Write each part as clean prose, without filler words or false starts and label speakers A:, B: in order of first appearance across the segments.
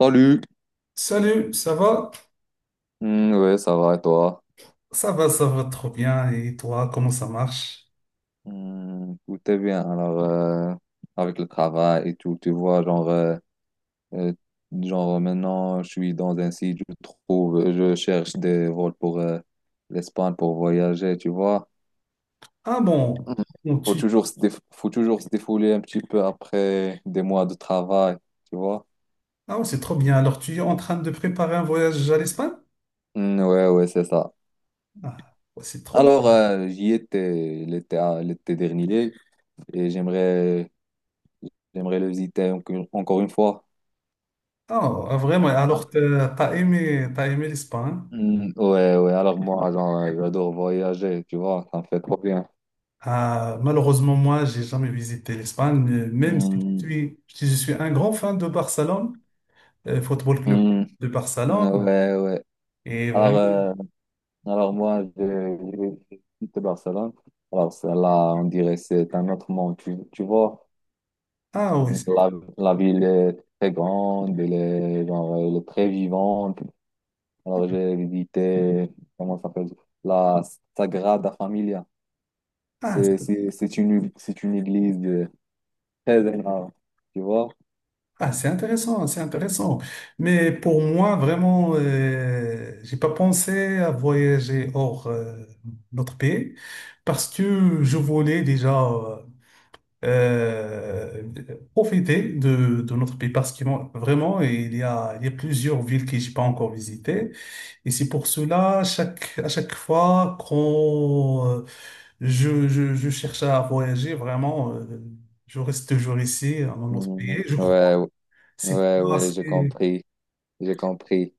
A: Salut!
B: Salut, ça va?
A: Hmm, ouais, ça va et toi?
B: Ça va, ça va trop bien. Et toi, comment ça marche?
A: Hmm, tout est bien. Alors, avec le travail et tout, tu vois, euh, genre maintenant, je suis dans un site, je trouve, je cherche des vols pour l'Espagne pour voyager, tu vois.
B: Ah bon,
A: Mhm.
B: bon, tu...
A: Faut toujours se défouler un petit peu après des mois de travail, tu vois.
B: Ah, ouais, c'est trop bien. Alors, tu es en train de préparer un voyage à l'Espagne?
A: Hmm, ouais, ouais, c'est ça.
B: Ah, ouais, c'est trop bien.
A: Alors, j'y étais l'été dernier et j'aimerais le visiter encore une fois.
B: Ah, ah, vraiment,
A: Ah.
B: alors, t'as aimé, t'as aimé l'Espagne?
A: Hmm, ouais, ouais, alors moi, j'adore voyager, tu vois, ça me fait trop bien.
B: Ah, malheureusement, moi, j'ai jamais visité l'Espagne, même si
A: Hmm,
B: je suis, si je suis un grand fan de Barcelone, Football Club
A: hmm,
B: de Barcelone.
A: ouais, ouais.
B: Et
A: Alors,
B: vraiment,
A: euh, alors moi, je de Barcelone. Alors, celle-là, on dirait que c'est un autre monde, tu vois.
B: ah oui, c'est-
A: La, la ville est très grande, elle est, genre, elle est très vivante. Alors, j'ai visité, comment ça s'appelle, la Sagrada Familia.
B: ah,
A: C'est une église très énorme, tu vois.
B: ah, c'est intéressant, c'est intéressant. Mais pour moi, vraiment, j'ai pas pensé à voyager hors notre pays parce que je voulais déjà euh, profiter de notre pays parce que moi, vraiment, il y a plusieurs villes que j'ai pas encore visitées. Et c'est pour cela, chaque, à chaque fois quand je cherche à voyager, vraiment, je reste toujours ici, dans notre
A: Mm,
B: pays. Je crois
A: ouais,
B: c'est
A: ouais,
B: pas
A: ouais, j'ai
B: assez-
A: compris, j'ai compris.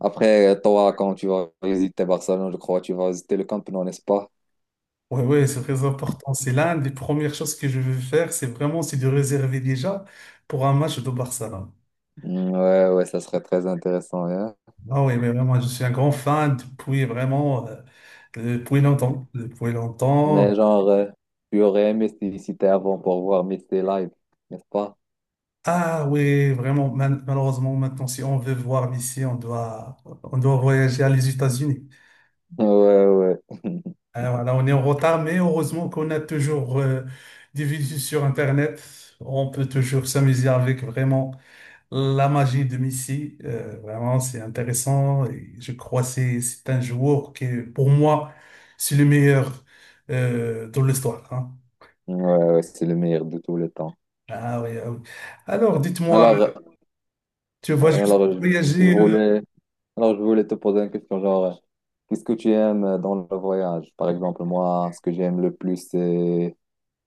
A: Après, toi, quand tu vas visiter Barcelone, je crois, tu vas visiter le Camp Nou, n'est-ce pas?
B: Ouais, ouais, c'est très important. C'est l'un des premières choses que je veux faire, c'est vraiment c'est de réserver déjà pour un match de Barcelone.
A: Mm, ouais, ouais, ça serait très intéressant, hein.
B: Ah oui, mais vraiment, je suis un grand fan depuis vraiment depuis longtemps, depuis
A: Mais
B: longtemps.
A: tu aurais aimé si t'es avant pour voir Messi live, n'est-ce pas?
B: Ah oui, vraiment. Mal- malheureusement, maintenant, si on veut voir Messi, on doit voyager à les États-Unis.
A: Ouais, ouais,
B: Alors là, on est en retard, mais heureusement qu'on a toujours des vidéos sur Internet. On peut toujours s'amuser avec vraiment. La magie de Messi, vraiment, c'est intéressant. Et je crois que c'est un joueur qui, est, pour moi, c'est le meilleur dans l'histoire, hein.
A: ouais, ouais, c'est le meilleur de tous les temps.
B: Ah oui, ah oui. Alors, dites-moi,
A: Alors,
B: tu vas juste
A: alors, je
B: voyager.
A: voulais, alors, je voulais te poser une question, qu'est-ce que tu aimes dans le voyage? Par exemple, moi, ce que j'aime le plus, c'est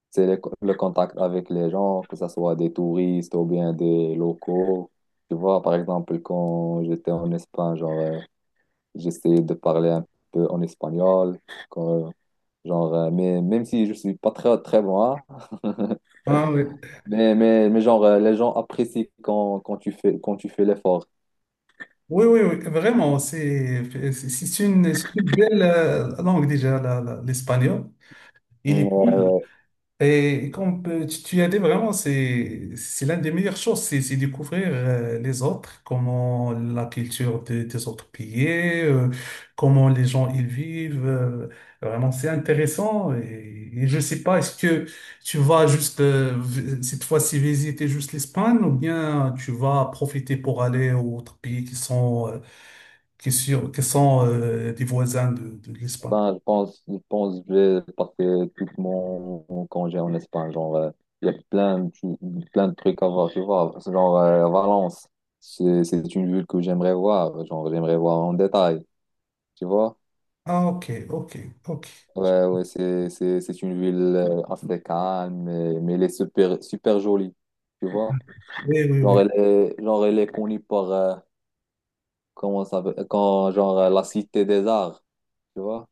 A: C'est le contact avec les gens, que ce soit des touristes ou bien des locaux. Tu vois, par exemple, quand j'étais en Espagne, j'essayais de parler un peu en espagnol, quand, mais même si je suis pas très, très bon, hein,
B: Hein, oui.
A: mais les gens apprécient quand, quand tu fais l'effort.
B: Oui, oui, oui, vraiment, c'est une belle langue déjà, l'espagnol. Il est et comme tu, tu as dit vraiment, c'est l'une des meilleures choses, c'est découvrir les autres, comment la culture de- des autres pays, comment les gens ils vivent. Vraiment, c'est intéressant. Et je sais pas, est-ce que tu vas juste vi- cette fois-ci visiter juste l'Espagne ou bien tu vas profiter pour aller aux autres pays qui sont qui sur- qui sont des voisins de l'Espagne?
A: Ben, je pense que je vais passer tout mon congé en Espagne. Il y a plein de trucs à voir, tu vois. C'est Valence, c'est une ville que j'aimerais voir. Genre, j'aimerais voir en détail, tu vois.
B: Ah ok, ok, ok.
A: Ouais, ouais, c'est une ville assez calme, mais elle est super, super jolie, tu vois.
B: Oui, oui, oui.
A: Genre, elle est connue par, quand, la cité des arts, tu vois.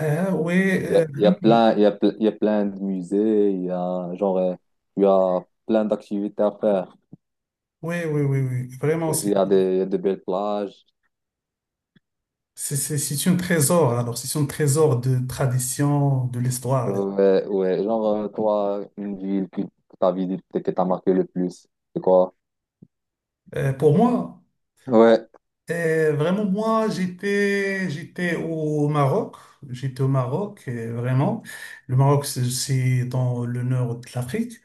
B: Oui,
A: Il y a
B: oui,
A: plein, il y a, ple- il y a plein de musées, il y a, il y a plein d'activités à faire.
B: oui, oui, oui. Oui. Oui. Vraiment,
A: Il y a des, il y a de belles plages.
B: c'est un trésor. Alors, c'est un trésor de tradition, de l'histoire.
A: Ouais, ouais. Toi, une ville que tu as visitée, que t'as marqué le plus, c'est quoi?
B: Pour moi,
A: Ouais.
B: vraiment, moi, j'étais au Maroc. J'étais au Maroc, vraiment. Le Maroc, c'est dans le nord de l'Afrique.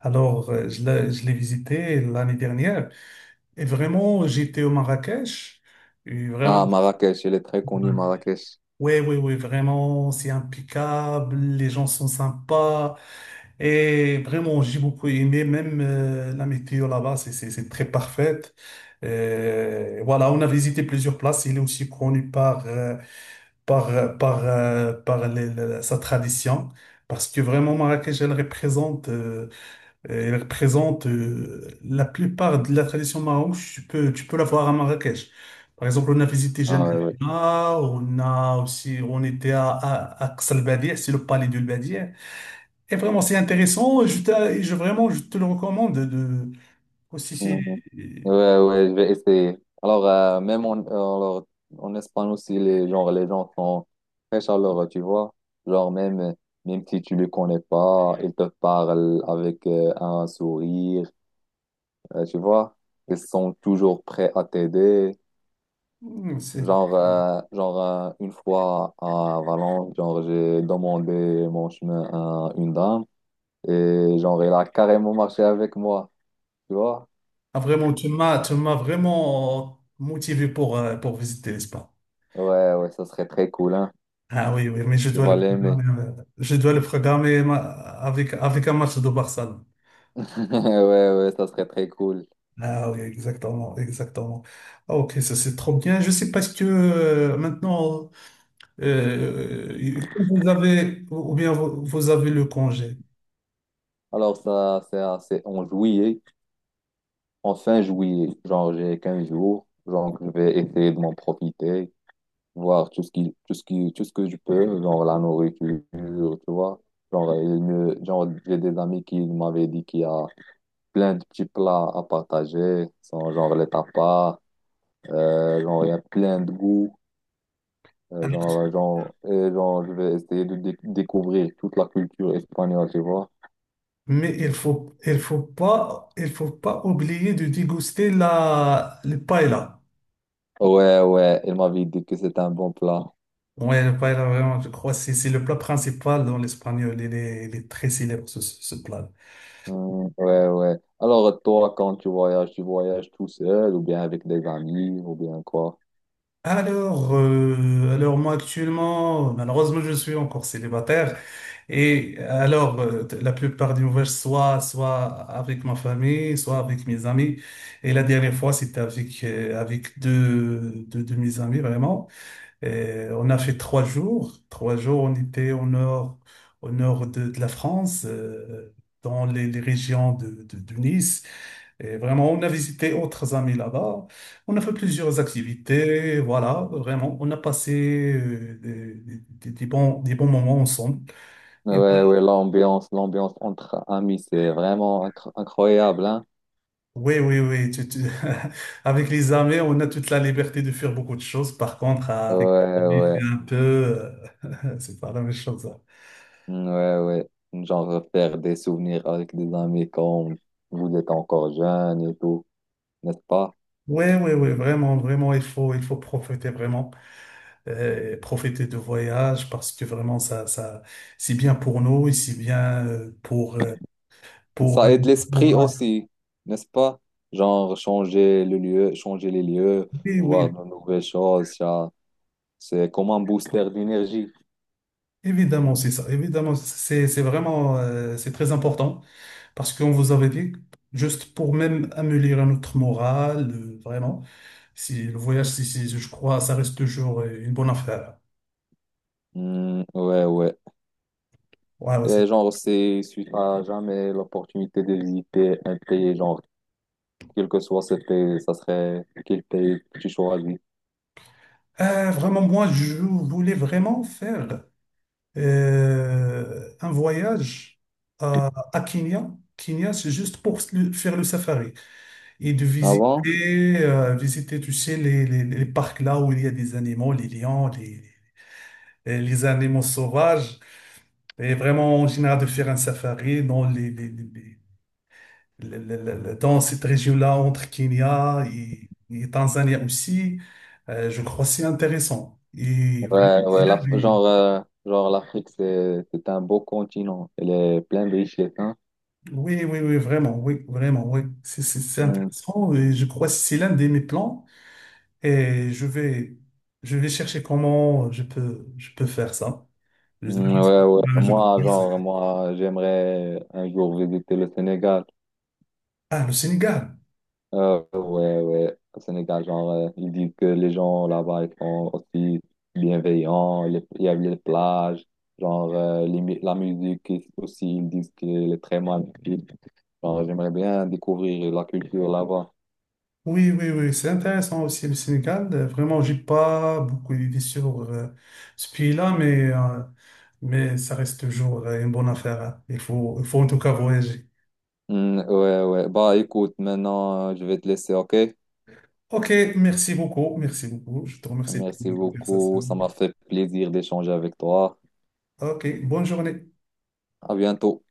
B: Alors, je l'ai visité l'année dernière. Et vraiment, j'étais au Marrakech. Et vraiment,
A: Ah, Marrakech, elle est très connue, Marrakech.
B: ouais, ouais, ouais, vraiment, c'est impeccable, les gens sont sympas. Et vraiment, j'ai beaucoup aimé, même la météo là-bas, c'est très parfaite. Voilà, on a visité plusieurs places. Il est aussi connu par, par sa tradition, parce que vraiment Marrakech, elle représente elle représente la plupart de la tradition marocaine. Tu peux la voir à Marrakech. Par exemple, on a visité
A: Ah, ouais, ouais.
B: Jemna, on a aussi, on était à Qas el Badi'a, c'est le palais du Badia. Et vraiment, c'est intéressant. Et je, t'a- et je vraiment, je te le recommande. De, aussi,
A: Mhm. Ouais, ouais, je vais essayer. Alors, même en, alors, en Espagne aussi, les, genre, les gens sont très chaleureux, tu vois. Genre, même, même si tu ne les connais pas, ils te parlent avec un sourire, tu vois. Ils sont toujours prêts à t'aider.
B: c'est-
A: Une fois à Valence, genre, j'ai demandé mon chemin à une dame et, genre, elle a carrément marché avec moi, tu vois.
B: ah, vraiment, tu m'as vraiment motivé pour visiter l'Espagne.
A: Ouais, ouais, ça serait très cool, hein.
B: Ah oui, oui, mais je
A: Tu
B: dois
A: vas
B: le
A: l'aimer.
B: programmer, je dois le programmer ma- avec, avec un match de Barça.
A: Ouais, ouais, ça serait très cool.
B: Ah oui, exactement, exactement. Ah, ok, ça c'est trop bien. Je sais parce que maintenant, vous avez, ou bien vous, vous avez le congé.
A: Alors, ça, c'est assez en juillet, en fin juillet. Genre, j'ai 15 jours. Genre, je vais essayer de m'en profiter, voir tout ce que je peux, genre la nourriture, tu vois. Genre, j'ai des amis qui m'avaient dit qu'il y a plein de petits plats à partager, sont genre les tapas, genre, il y a plein de goûts. Genre, je vais essayer de découvrir toute la culture espagnole, tu vois.
B: Mais il faut pas oublier de déguster la, le paella.
A: Ouais, ouais, il m'avait dit que c'est un bon plan.
B: Ouais, le paella, vraiment, je crois que c'est le plat principal dans l'espagnol. Il est très célèbre, ce plat.
A: Hmm, ouais, ouais. Alors, toi, quand tu voyages tout seul ou bien avec des amis ou bien quoi?
B: Alors moi actuellement, malheureusement, je suis encore célibataire. Et alors, la plupart des voyages, soit, soit avec ma famille, soit avec mes amis. Et la dernière fois, c'était avec, avec deux de mes amis, vraiment. Et on a fait trois jours. Trois jours, on était au nord de la France, dans les régions de, de Nice. Et vraiment, on a visité autres amis là-bas. On a fait plusieurs activités. Voilà, vraiment, on a passé des bons moments ensemble.
A: Ouais, ouais, l'ambiance entre amis, c'est vraiment incroyable, hein?
B: Oui, oui, oui. tu- tu- Avec les armées, on a toute la liberté de faire beaucoup de choses. Par contre, avec
A: Ouais,
B: les armées,
A: ouais,
B: c'est un peu, c'est pas la même chose, hein.
A: hmm, ouais, ouais. Genre, faire des souvenirs avec des amis quand vous êtes encore jeune et tout, n'est-ce pas?
B: Oui, oui, oui, vraiment, vraiment, il faut profiter vraiment, profiter de voyage parce que vraiment, ça, c'est bien pour nous et c'est bien pour, euh,
A: Ça aide
B: pour-
A: l'esprit aussi, n'est-ce pas? Genre, changer le lieu, changer les lieux,
B: Oui,
A: voir
B: oui,
A: de nouvelles choses, c'est comme un booster d'énergie.
B: évidemment, c'est ça. Évidemment, c'est vraiment, c'est très important. Parce qu'on vous avait dit, juste pour même améliorer notre morale, vraiment, si le voyage, si, si- je crois, ça reste toujours une bonne affaire.
A: Hmm, ouais, ouais.
B: Ouais, ouais, c'est-
A: Et genre, c'est, si tu n'as jamais l'opportunité de visiter un pays, genre, quel que soit ce pays, ça serait quel pays que tu choisis.
B: Vraiment, moi, je voulais vraiment faire un voyage à Kenya. Kenya, c'est juste pour le- faire le safari et de visiter,
A: Avant?
B: visiter, tu sais, les parcs là où il y a des animaux, les lions, les animaux sauvages. Et vraiment, en général, de faire un safari dans, dans cette région-là, entre Kenya et Tanzanie aussi, je crois que c'est intéressant. Et vraiment,
A: Ouais,
B: c'est
A: ouais,
B: l'un
A: la,
B: des-
A: genre, l'Afrique, c'est un beau continent. Elle est pleine de richesses, hein.
B: Oui, oui, oui, vraiment, oui, vraiment, oui. C'est
A: Hmm,
B: intéressant et je crois que c'est l'un de mes plans. Et je vais chercher comment je peux faire ça. Je- je-
A: hmm, ouais, ouais.
B: je-
A: Moi, genre,
B: je-
A: moi, j'aimerais un jour visiter le Sénégal.
B: Ah, le Sénégal.
A: Ouais, ouais, au Sénégal, ils disent que les gens là-bas, ils sont aussi bienveillants, il y a les plages, la musique aussi, ils disent qu'elle est très magnifique. Genre, j'aimerais bien découvrir la culture là-bas.
B: Oui, oui, oui, c'est intéressant aussi le Sénégal. Vraiment, j'ai pas beaucoup d'idées sur ce pays-là, mais ça reste toujours une bonne affaire, hein. Il faut en tout cas voyager.
A: Hmm, ouais, ouais, bah écoute, maintenant, je vais te laisser, ok?
B: Ok, merci beaucoup, merci beaucoup. Je te remercie pour
A: Merci
B: la
A: beaucoup,
B: conversation.
A: ça m'a fait plaisir d'échanger avec toi.
B: Ok, bonne journée.
A: À bientôt.